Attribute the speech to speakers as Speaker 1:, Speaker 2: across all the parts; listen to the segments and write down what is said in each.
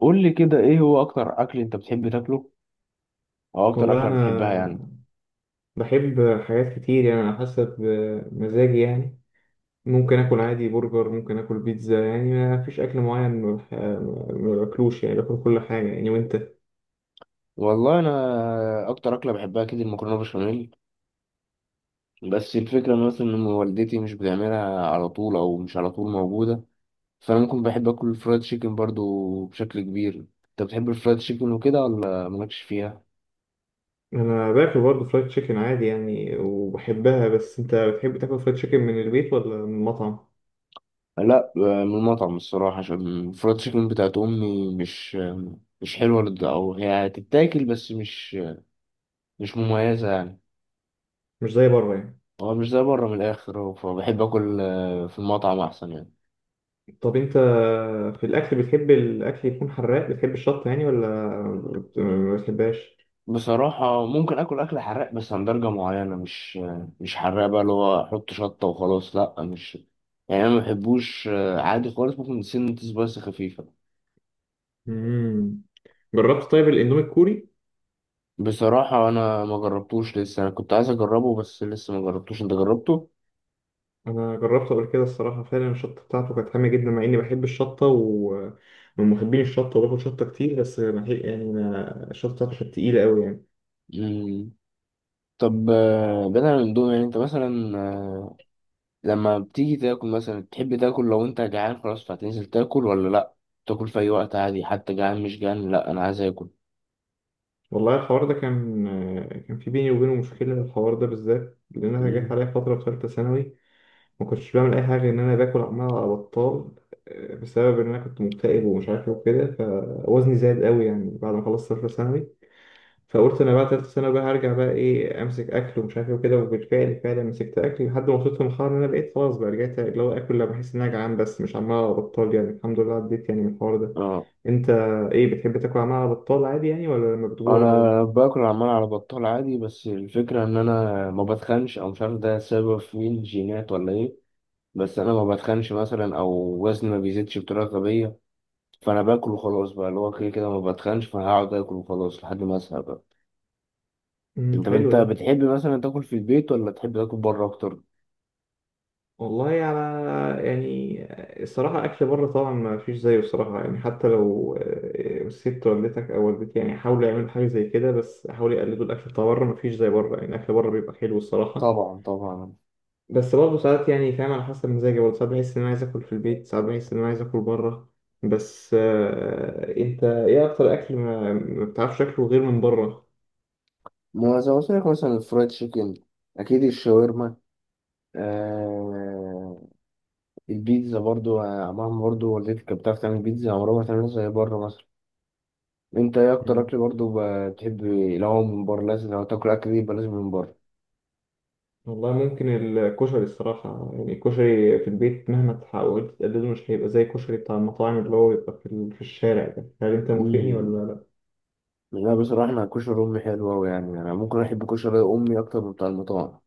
Speaker 1: قول لي كده، ايه هو اكتر اكل انت بتحب تاكله او اكتر
Speaker 2: والله
Speaker 1: اكله بتحبها يعني؟
Speaker 2: أنا بحب حاجات كتير يعني على حسب مزاجي يعني. ممكن آكل عادي برجر، ممكن آكل بيتزا يعني ما فيش أكل معين ما باكلوش يعني باكل كل حاجة يعني. وأنت؟
Speaker 1: والله انا اكتر اكله بحبها كده المكرونه بشاميل. بس الفكره إن مثلا ان والدتي مش بتعملها على طول، او مش على طول موجوده. فانا ممكن بحب اكل الفرايد تشيكن برضو بشكل كبير. انت بتحب الفرايد تشيكن وكده ولا مالكش فيها؟
Speaker 2: أنا باكل برضه فرايد تشيكن عادي يعني وبحبها، بس أنت بتحب تاكل فرايد تشيكن من البيت ولا من المطعم؟
Speaker 1: لا، من المطعم الصراحه، عشان الفرايد تشيكن بتاعت امي مش حلوه او هي هتتاكل بس مش مميزه يعني.
Speaker 2: مش زي بره يعني.
Speaker 1: هو مش زي بره من الاخر، هو فبحب اكل في المطعم احسن يعني.
Speaker 2: طب أنت في الأكل بتحب الأكل يكون حراق، بتحب الشطة يعني، ولا ما بتحبهاش؟
Speaker 1: بصراحة ممكن اكل اكل حراق بس عن درجة معينة، مش حراق بقى، اللي هو احط شطة وخلاص، لا مش. يعني انا ما بحبوش، عادي خالص، ممكن سنة سبايس خفيفة.
Speaker 2: مم. جربت طيب الإندومي الكوري؟
Speaker 1: بصراحة انا ما جربتوش لسه، انا كنت عايز اجربه بس لسه ما جربتوش، انت جربته؟
Speaker 2: انا جربت قبل كده الصراحه، فعلا الشطه بتاعته كانت حاميه جدا مع اني بحب الشطه ومن محبين الشطه وباكل شطه كتير، بس ما هي- يعني ما الشطه بتاعته كانت تقيله قوي يعني.
Speaker 1: مم. طب، بدل من دول يعني انت مثلا لما بتيجي تاكل مثلا تحب تاكل، لو انت جعان خلاص فهتنزل تاكل ولا لا؟ تاكل في اي وقت عادي، حتى جعان مش جعان، لا انا عايز اكل.
Speaker 2: والله الحوار ده كان في بيني وبينه مشكله، الحوار ده بالذات، لان انا جات
Speaker 1: مم.
Speaker 2: عليا فتره في ثالثه ثانوي ما كنتش بعمل اي حاجه غير ان انا باكل عمال على بطال، بسبب ان انا كنت مكتئب ومش عارف ايه وكده، فوزني زاد قوي يعني. بعد ما خلصت ثالثه ثانوي فقلت انا بقى تالتة سنة بقى، هرجع بقى ايه، امسك اكل ومش عارف ايه وكده، وبالفعل فعلا مسكت اكل لحد ما وصلت لمرحلة ان انا بقيت خلاص بقى، رجعت اللي هو اكل لما بحس ان انا جعان بس مش عمال على بطال يعني، الحمد لله عديت يعني من الحوار ده.
Speaker 1: اه.
Speaker 2: انت ايه، بتحب تاكل عمال على بطال عادي يعني، ولا لما بتجوع
Speaker 1: انا
Speaker 2: برضه؟
Speaker 1: باكل عمال على بطال عادي، بس الفكره ان انا ما بتخنش، او مش عارف ده سبب مين، جينات ولا ايه. بس انا ما بتخنش مثلا، او وزني ما بيزيدش بطريقه غبيه. فانا باكل وخلاص بقى، اللي هو كده كده ما بتخنش، فهقعد اكل وخلاص لحد ما اسهى بقى.
Speaker 2: امم،
Speaker 1: انت
Speaker 2: حلو
Speaker 1: انت
Speaker 2: ده.
Speaker 1: بتحب مثلا تاكل في البيت ولا تحب تاكل بره اكتر؟
Speaker 2: والله على يعني الصراحة، أكل بره طبعا ما فيش زيه الصراحة يعني. حتى لو ست والدتك أو والدتي يعني حاولوا يعملوا حاجة زي كده، بس حاولوا يقلدوا الأكل بتاع بره، ما فيش زي بره يعني، الأكل بره بيبقى حلو الصراحة.
Speaker 1: طبعا طبعا.
Speaker 2: بس برضه ساعات يعني، فاهم، على حسب مزاجي برضه، ساعات بحس إن أنا عايز آكل في البيت، ساعات بحس إن أنا عايز آكل بره. بس أنت إيه أكتر أكل ما بتعرفش تاكله غير من بره؟
Speaker 1: ما زي ما قلت لك مثلا الفرايد تشيكن، اكيد الشاورما، آه البيتزا برضو، مهما برضو والدتك كانت بتعرف تعمل بيتزا عمرها ما تعملها زي بره مثلا. انت ايه اكتر
Speaker 2: مم.
Speaker 1: اكل برضو بتحب؟ لو هو من بره لازم لو تاكل اكل دي يبقى لازم من بره.
Speaker 2: والله ممكن الكشري الصراحة يعني، الكشري في البيت مهما تحاول تقلده مش هيبقى زي الكشري بتاع المطاعم اللي هو بيبقى في الشارع ده. هل أنت موافقني
Speaker 1: امم.
Speaker 2: ولا لأ؟
Speaker 1: لا، بصراحه انا كشري امي حلو قوي، يعني انا ممكن احب كشري امي اكتر من بتاع المطاعم.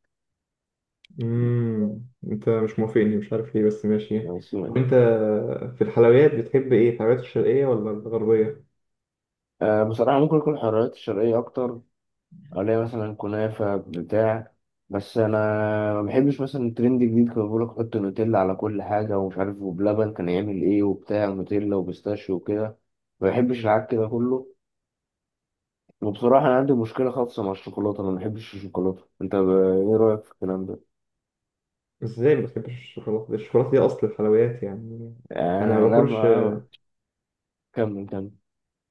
Speaker 2: مم. أنت مش موافقني، مش عارف ليه، بس ماشي.
Speaker 1: يعني. بس.
Speaker 2: طب أنت في الحلويات بتحب إيه؟ الحلويات الشرقية ولا الغربية؟
Speaker 1: بصراحه ممكن اكل الحلويات الشرقيه اكتر. عليها مثلا كنافة بتاع. بس أنا ما بحبش مثلا الترند الجديد، كان بيقولك حط نوتيلا على كل حاجة، ومش عارف، وبلبن كان يعمل إيه، وبتاع نوتيلا وبيستاشيو وكده. ما بحبش العك ده كله. وبصراحة أنا عندي مشكلة خاصة مع الشوكولاتة، أنا ما بحبش الشوكولاتة، أنت إيه رأيك في الكلام ده؟
Speaker 2: ازاي ما بتحبش الشوكولاته، الشوكولاته دي اصل الحلويات يعني. انا
Speaker 1: أنا،
Speaker 2: ما
Speaker 1: لا،
Speaker 2: باكلش،
Speaker 1: ما. كمل كمل.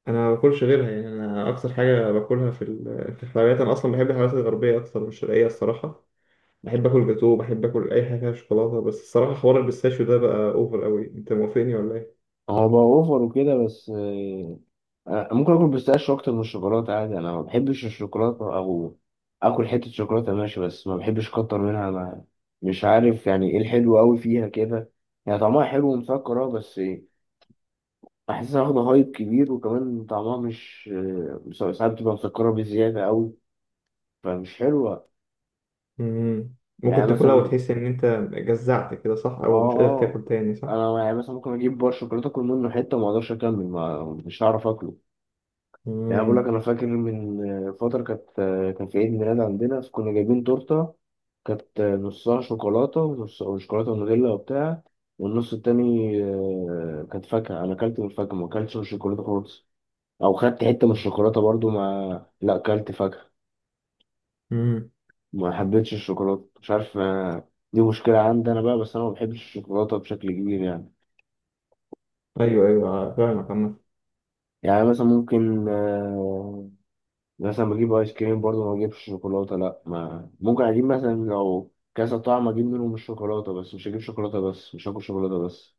Speaker 2: انا ما باكلش غيرها يعني. انا اكتر حاجه باكلها في الحلويات، انا اصلا بحب الحلويات الغربيه اكتر من الشرقيه الصراحه. بحب اكل جاتوه، بحب اكل اي حاجه فيها شوكولاته، بس الصراحه حوار البيستاشيو ده بقى اوفر قوي. انت موافقني ولا ايه؟
Speaker 1: هو بقى أوفر وكده، بس. أنا ممكن اكل بيستاشيو اكتر من الشوكولاته عادي. انا ما بحبش الشوكولاته، او اكل حته شوكولاته ماشي، بس ما بحبش اكتر منها. ما مش عارف يعني ايه الحلو قوي فيها كده. يعني طعمها حلو ومسكر اه، بس. بحسها واخده هايب كبير، وكمان طعمها مش، ساعات بتبقى مسكره بزياده قوي. فمش حلوه.
Speaker 2: مم.
Speaker 1: يعني
Speaker 2: ممكن تاكلها
Speaker 1: مثلا.
Speaker 2: وتحس ان انت جزعت كده صح،
Speaker 1: اه،
Speaker 2: او مش قادر
Speaker 1: اه.
Speaker 2: تاكل تاني صح.
Speaker 1: انا يعني مثلا ممكن اجيب بار شوكولاته، اكل منه حته وما اقدرش اكمل، ما مش هعرف اكله. يعني أنا بقول لك،
Speaker 2: امم.
Speaker 1: انا فاكر من فتره كان في عيد ميلاد عندنا فكنا جايبين تورته. كانت نصها شوكولاته ونص وشوكولاته ونوتيلا وبتاع. والنص التاني كانت فاكهه. انا اكلت من الفاكهه، ما اكلتش من الشوكولاته خالص. او خدت حته من الشوكولاته برضو، لا اكلت فاكهه.
Speaker 2: امم.
Speaker 1: ما حبيتش الشوكولاته، مش عارف، دي مشكله عندي انا بقى، بس انا ما بحبش الشوكولاته بشكل كبير يعني.
Speaker 2: ايوه ايوه فاهمك عامة.
Speaker 1: يعني مثلا ممكن مثلا بجيب ايس كريم برضه ما بجيبش شوكولاته، لا ما، ممكن اجيب مثلا لو كذا طعم اجيب منهم الشوكولاته بس، مش هجيب شوكولاته بس، مش هاكل شوكولاته بس.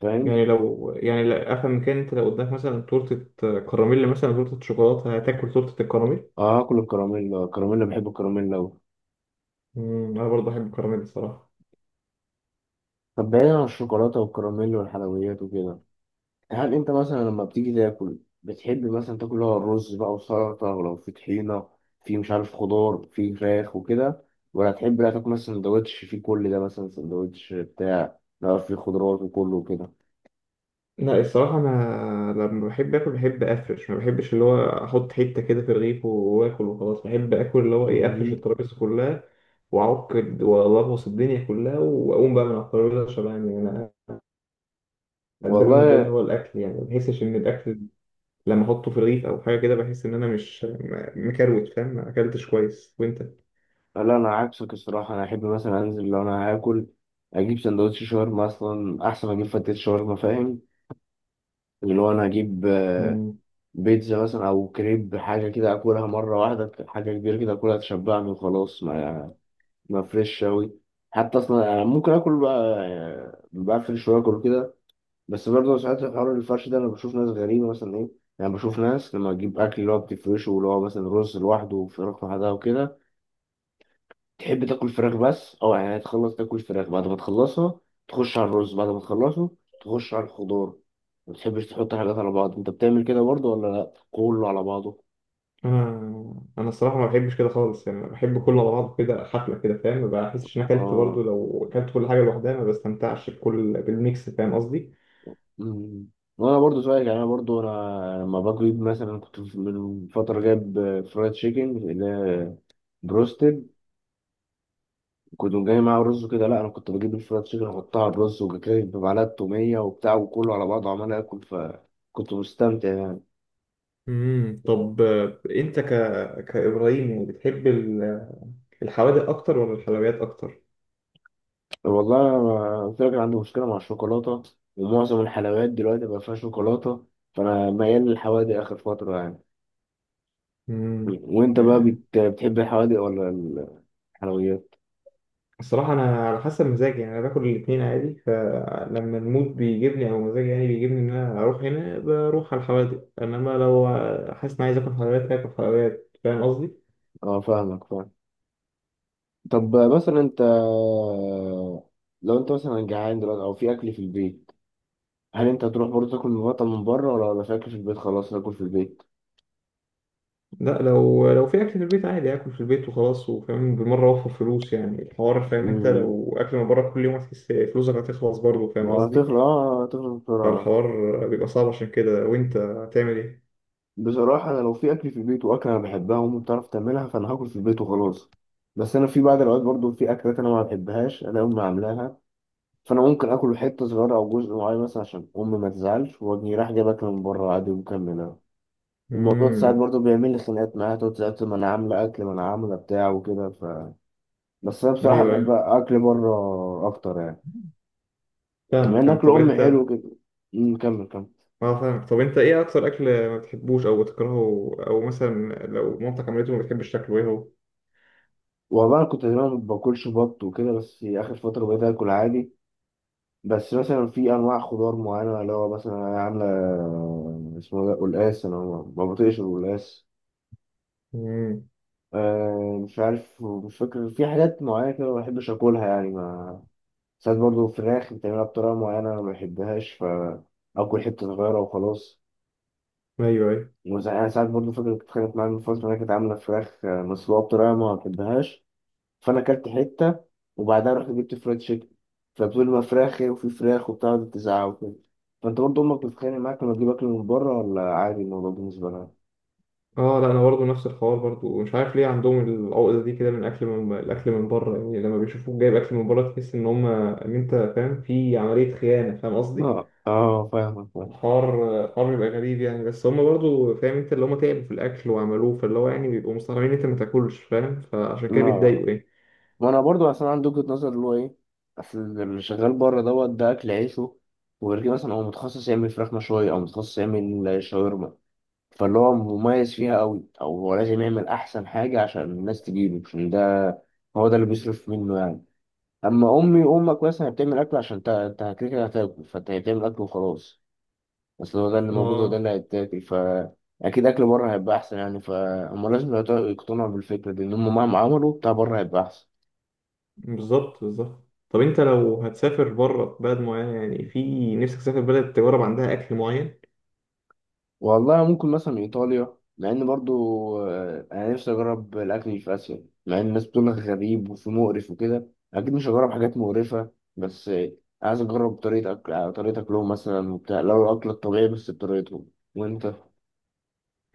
Speaker 1: فاهم.
Speaker 2: يعني لو يعني، لا افهم من، كان انت لو قدامك مثلا تورته كراميل مثلا، تورته شوكولاته، هتاكل تورته الكراميل.
Speaker 1: اه، هاكل الكراميل. الكراميل بحب الكراميل أوي.
Speaker 2: امم، انا برضه بحب الكراميل الصراحه.
Speaker 1: طب، بعيدا عن الشوكولاته والكراميل والحلويات وكده، هل انت مثلا لما بتيجي تاكل بتحب مثلا تاكل اللي هو الرز بقى وسلطه، ولو في طحينه، في مش عارف خضار، في فراخ وكده؟ ولا تحب لا تاكل مثلا سندوتش فيه كل ده، مثلا سندوتش بتاع لا، في خضروات وكله وكده؟
Speaker 2: لا الصراحه انا لما بحب اكل بحب افرش، ما بحبش اللي هو احط حته كده في رغيف واكل وخلاص. بحب اكل اللي هو ايه، افرش
Speaker 1: مم.
Speaker 2: الترابيزه كلها، واعك والغوص الدنيا كلها، واقوم بقى من على الترابيزه شبعان يعني. انا ده بالنسبه لي
Speaker 1: والله
Speaker 2: هو الاكل يعني. ما بحسش ان الاكل لما احطه في رغيف او حاجه كده، بحس ان انا مش م- مكروت فاهم، ما اكلتش كويس. وانت؟
Speaker 1: لا، انا عكسك الصراحه. انا احب مثلا انزل لو انا هاكل اجيب سندوتش شاورما اصلا، احسن ما اجيب فتت شاورما، فاهم؟ اللي هو انا هجيب بيتزا مثلا او كريب، حاجه كده اكلها مره واحده، حاجه كبيره كده اكلها تشبعني وخلاص، ما فريش اوي. حتى اصلا انا ممكن اكل بقى، بفرش واكل كده. بس برضه ساعات الحوار الفرش ده، انا بشوف ناس غريبه مثلا، ايه. يعني بشوف ناس لما تجيب اكل اللي هو بتفرشه، واللي هو مثلا رز لوحده وفراخ لوحدها وكده. تحب تاكل فراخ بس اه يعني، تخلص تاكل فراخ بعد ما تخلصها، تخش على الرز بعد ما تخلصه، تخش على الخضار. ما بتحبش تحط حاجات على بعض؟ انت بتعمل كده برضه ولا لا، كله على بعضه؟
Speaker 2: انا الصراحه ما بحبش كده خالص يعني، بحب كله على بعضه كده، حفله كده فاهم. ما بحسش ان أنا اكلت
Speaker 1: اه.
Speaker 2: برضه لو اكلت كل حاجه لوحدها، ما بستمتعش بالميكس فاهم قصدي.
Speaker 1: أمم. وانا برضه زيك يعني. انا برضه انا لما بجيب مثلا كنت من فتره جايب فرايد تشيكن، اللي هي بروستد. كنت جاي معاه رز وكده، لا انا كنت بجيب الفرايد تشيكن احطها على الرز وكده بمعلقه توميه وبتاع، وكله على بعضه عمال اكل، فكنت مستمتع يعني.
Speaker 2: امم. طب انت كابراهيم يعني بتحب الحوادق اكتر ولا الحلويات اكتر؟
Speaker 1: والله أنا قلت لك، أنا عندي مشكلة مع الشوكولاتة. ومعظم الحلويات دلوقتي بقى فيها شوكولاتة. فأنا ميال للحوادق آخر فترة يعني.
Speaker 2: امم.
Speaker 1: وأنت بقى
Speaker 2: يعني
Speaker 1: بتحب الحوادق ولا الحلويات؟
Speaker 2: الصراحه انا على حسب مزاجي يعني، انا باكل الاثنين عادي، فلما المود بيجيبني او مزاجي يعني بيجيبني ان انا اروح هنا بروح على الحوادق، انما لو حاسس ان عايز اكل حلويات اكل حلويات، فاهم قصدي.
Speaker 1: أه، فاهمك فاهم. طب مثلا أنت، لو أنت مثلا جعان دلوقتي أو في أكل في البيت، هل أنت هتروح برضه تاكل من بره، ولا في أكل في البيت خلاص تاكل في البيت؟
Speaker 2: لا لو في اكل في البيت عادي اكل في البيت وخلاص، وفاهم بالمره اوفر فلوس يعني الحوار، فاهم، انت
Speaker 1: امم.
Speaker 2: لو اكل من بره كل يوم هتحس فلوسك هتخلص برضه
Speaker 1: ما
Speaker 2: فاهم قصدي.
Speaker 1: هتخلص، أه هتخلص بسرعة.
Speaker 2: فالحوار بيبقى صعب عشان كده. وانت هتعمل ايه؟
Speaker 1: بصراحة أنا لو في أكل في البيت وأكلة أنا بحبها وأمي بتعرف تعملها، فأنا هاكل في البيت وخلاص. بس أنا في بعض الأوقات برضو في أكلات أنا ما بحبهاش أنا، أمي عاملاها. فأنا ممكن آكل حتة صغيرة أو جزء معين مثلا، عشان أمي ما تزعلش، وأجي رايح جايب أكل من بره عادي ومكملها. الموضوع ده ساعات
Speaker 2: امم.
Speaker 1: برضو بيعمل لي خناقات معاها، تقعد تسأل ما أنا عاملة أكل، ما أنا عاملة بتاع وكده بس أنا
Speaker 2: ايوه
Speaker 1: بصراحة بحب
Speaker 2: ايوه
Speaker 1: أكل بره أكتر يعني، بما
Speaker 2: فاهم
Speaker 1: إن
Speaker 2: فاهم.
Speaker 1: أكل
Speaker 2: طب
Speaker 1: أمي حلو
Speaker 2: انت.
Speaker 1: كده. أمم، كمل كمل.
Speaker 2: اه فاهم. طب انت ايه اكتر اكل ما بتحبوش او بتكرهه، او مثلا لو مامتك عملته ما بتحبش تاكله، ايه هو؟
Speaker 1: والله أنا كنت زمان ما باكلش بط وكده، بس آخر فترة بقيت آكل عادي. بس مثلا في انواع خضار معينه اللي هو مثلا عامله اسمه ده قلقاس. انا ما بطيقش القلقاس.
Speaker 2: امم.
Speaker 1: مش عارف، مش فاكر، في حاجات معينه كده ما بحبش اكلها يعني ما ساعات برضه فراخ بتعملها بطريقه معينه انا ما بحبهاش، فاكل حته صغيره وخلاص.
Speaker 2: ايوه ايوه.
Speaker 1: يعني ساعات برضه فاكر كنت اتخانقت معايا من فتره إنها كانت عامله فراخ مسلوقه بطريقه ما بحبهاش. فانا اكلت حته. وبعدها رحت جبت فرايد تشيكن. فبتقول لي ما فراخي وفي فراخ وبتاع، وقعدت تزعق وكده. فانت برضه امك بتتخانق معاك لما تجيب اكل من بره، ولا عادي الموضوع بالنسبه لها؟
Speaker 2: اه لا انا برضه نفس الحوار برضه، ومش عارف ليه عندهم العقده دي كده من الاكل، من الاكل من بره يعني. لما بيشوفوك جايب اكل من بره تحس ان هم، ان انت فاهم، في عمليه خيانه فاهم قصدي.
Speaker 1: اه، اه، فاهمك فاهم.
Speaker 2: الحوار الحوار بيبقى غريب يعني، بس هم برضه فاهم انت اللي، هم تعبوا في الاكل وعملوه، فاللي هو يعني بيبقوا مستغربين إن انت ما تاكلش فاهم، فعشان كده
Speaker 1: ما
Speaker 2: بيتضايقوا يعني.
Speaker 1: ما انا برضو اصلا عندي وجهة نظر اللي هو ايه. اصل اللي شغال بره دوت ده اكل عيشه. وغير كده مثلا هو متخصص يعمل فراخ مشوية، او متخصص يعمل شاورما، فاللي هو مميز فيها قوي، او هو لازم يعمل احسن حاجة عشان الناس تجيبه، عشان ده هو ده اللي بيصرف منه يعني. اما امي وامك مثلا بتعمل اكل عشان انت كده كده هتاكل، فانت هي بتعمل اكل وخلاص. بس هو ده اللي موجود وده
Speaker 2: اه.
Speaker 1: اللي هيتاكل اكيد اكل بره هيبقى احسن يعني، فهم لازم يقتنعوا بالفكره دي، ان هم مهما عملوا بتاع بره هيبقى احسن.
Speaker 2: بالظبط بالظبط. طب انت لو هتسافر بره بلد معينه يعني، في نفسك تسافر بلد تجرب عندها اكل معين؟
Speaker 1: والله ممكن مثلا ايطاليا، مع ان برضو انا نفسي اجرب الاكل اللي في اسيا، مع ان الناس بتقول لك غريب وفي مقرف وكده. اكيد مش هجرب حاجات مقرفه. بس عايز اجرب طريقه اكلهم مثلا وبتاع، لو الاكل الطبيعي بس بطريقتهم. وانت؟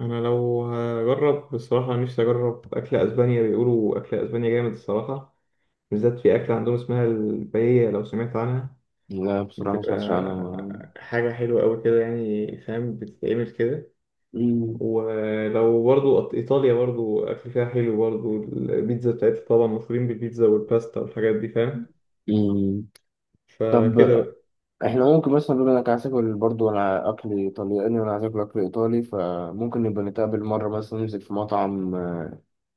Speaker 2: انا لو هجرب بصراحه نفسي اجرب اكل اسبانيا، بيقولوا اكل اسبانيا جامد الصراحه، بالذات في اكله عندهم اسمها الباييه لو سمعت عنها.
Speaker 1: لا، بصراحة ما سمعتش عنها.
Speaker 2: بتبقى حاجه حلوه قوي كده يعني فاهم، بتتعمل كده.
Speaker 1: مم.
Speaker 2: ولو برضو ايطاليا برضو اكل فيها حلو برضو، البيتزا بتاعتها طبعا مشهورين بالبيتزا والباستا والحاجات دي فاهم.
Speaker 1: مم. طب
Speaker 2: فكده بقى.
Speaker 1: احنا ممكن مثلا بما انك عايز تاكل برضه انا اكل ايطالياني، وانا عايز اكل اكل ايطالي، فممكن نبقى نتقابل مرة مثلا، ننزل في مطعم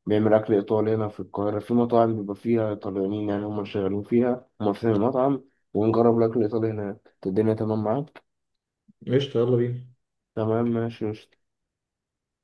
Speaker 1: بيعمل اكل ايطالي هنا في القاهرة، في مطاعم بيبقى فيها ايطاليانيين، يعني هم اللي شغالين فيها، هم فاتحين المطعم. ونجرب الاكل الايطالي هناك، الدنيا تمام معاك؟
Speaker 2: قشطه يلا بينا.
Speaker 1: تمام، ماشي، قشطة.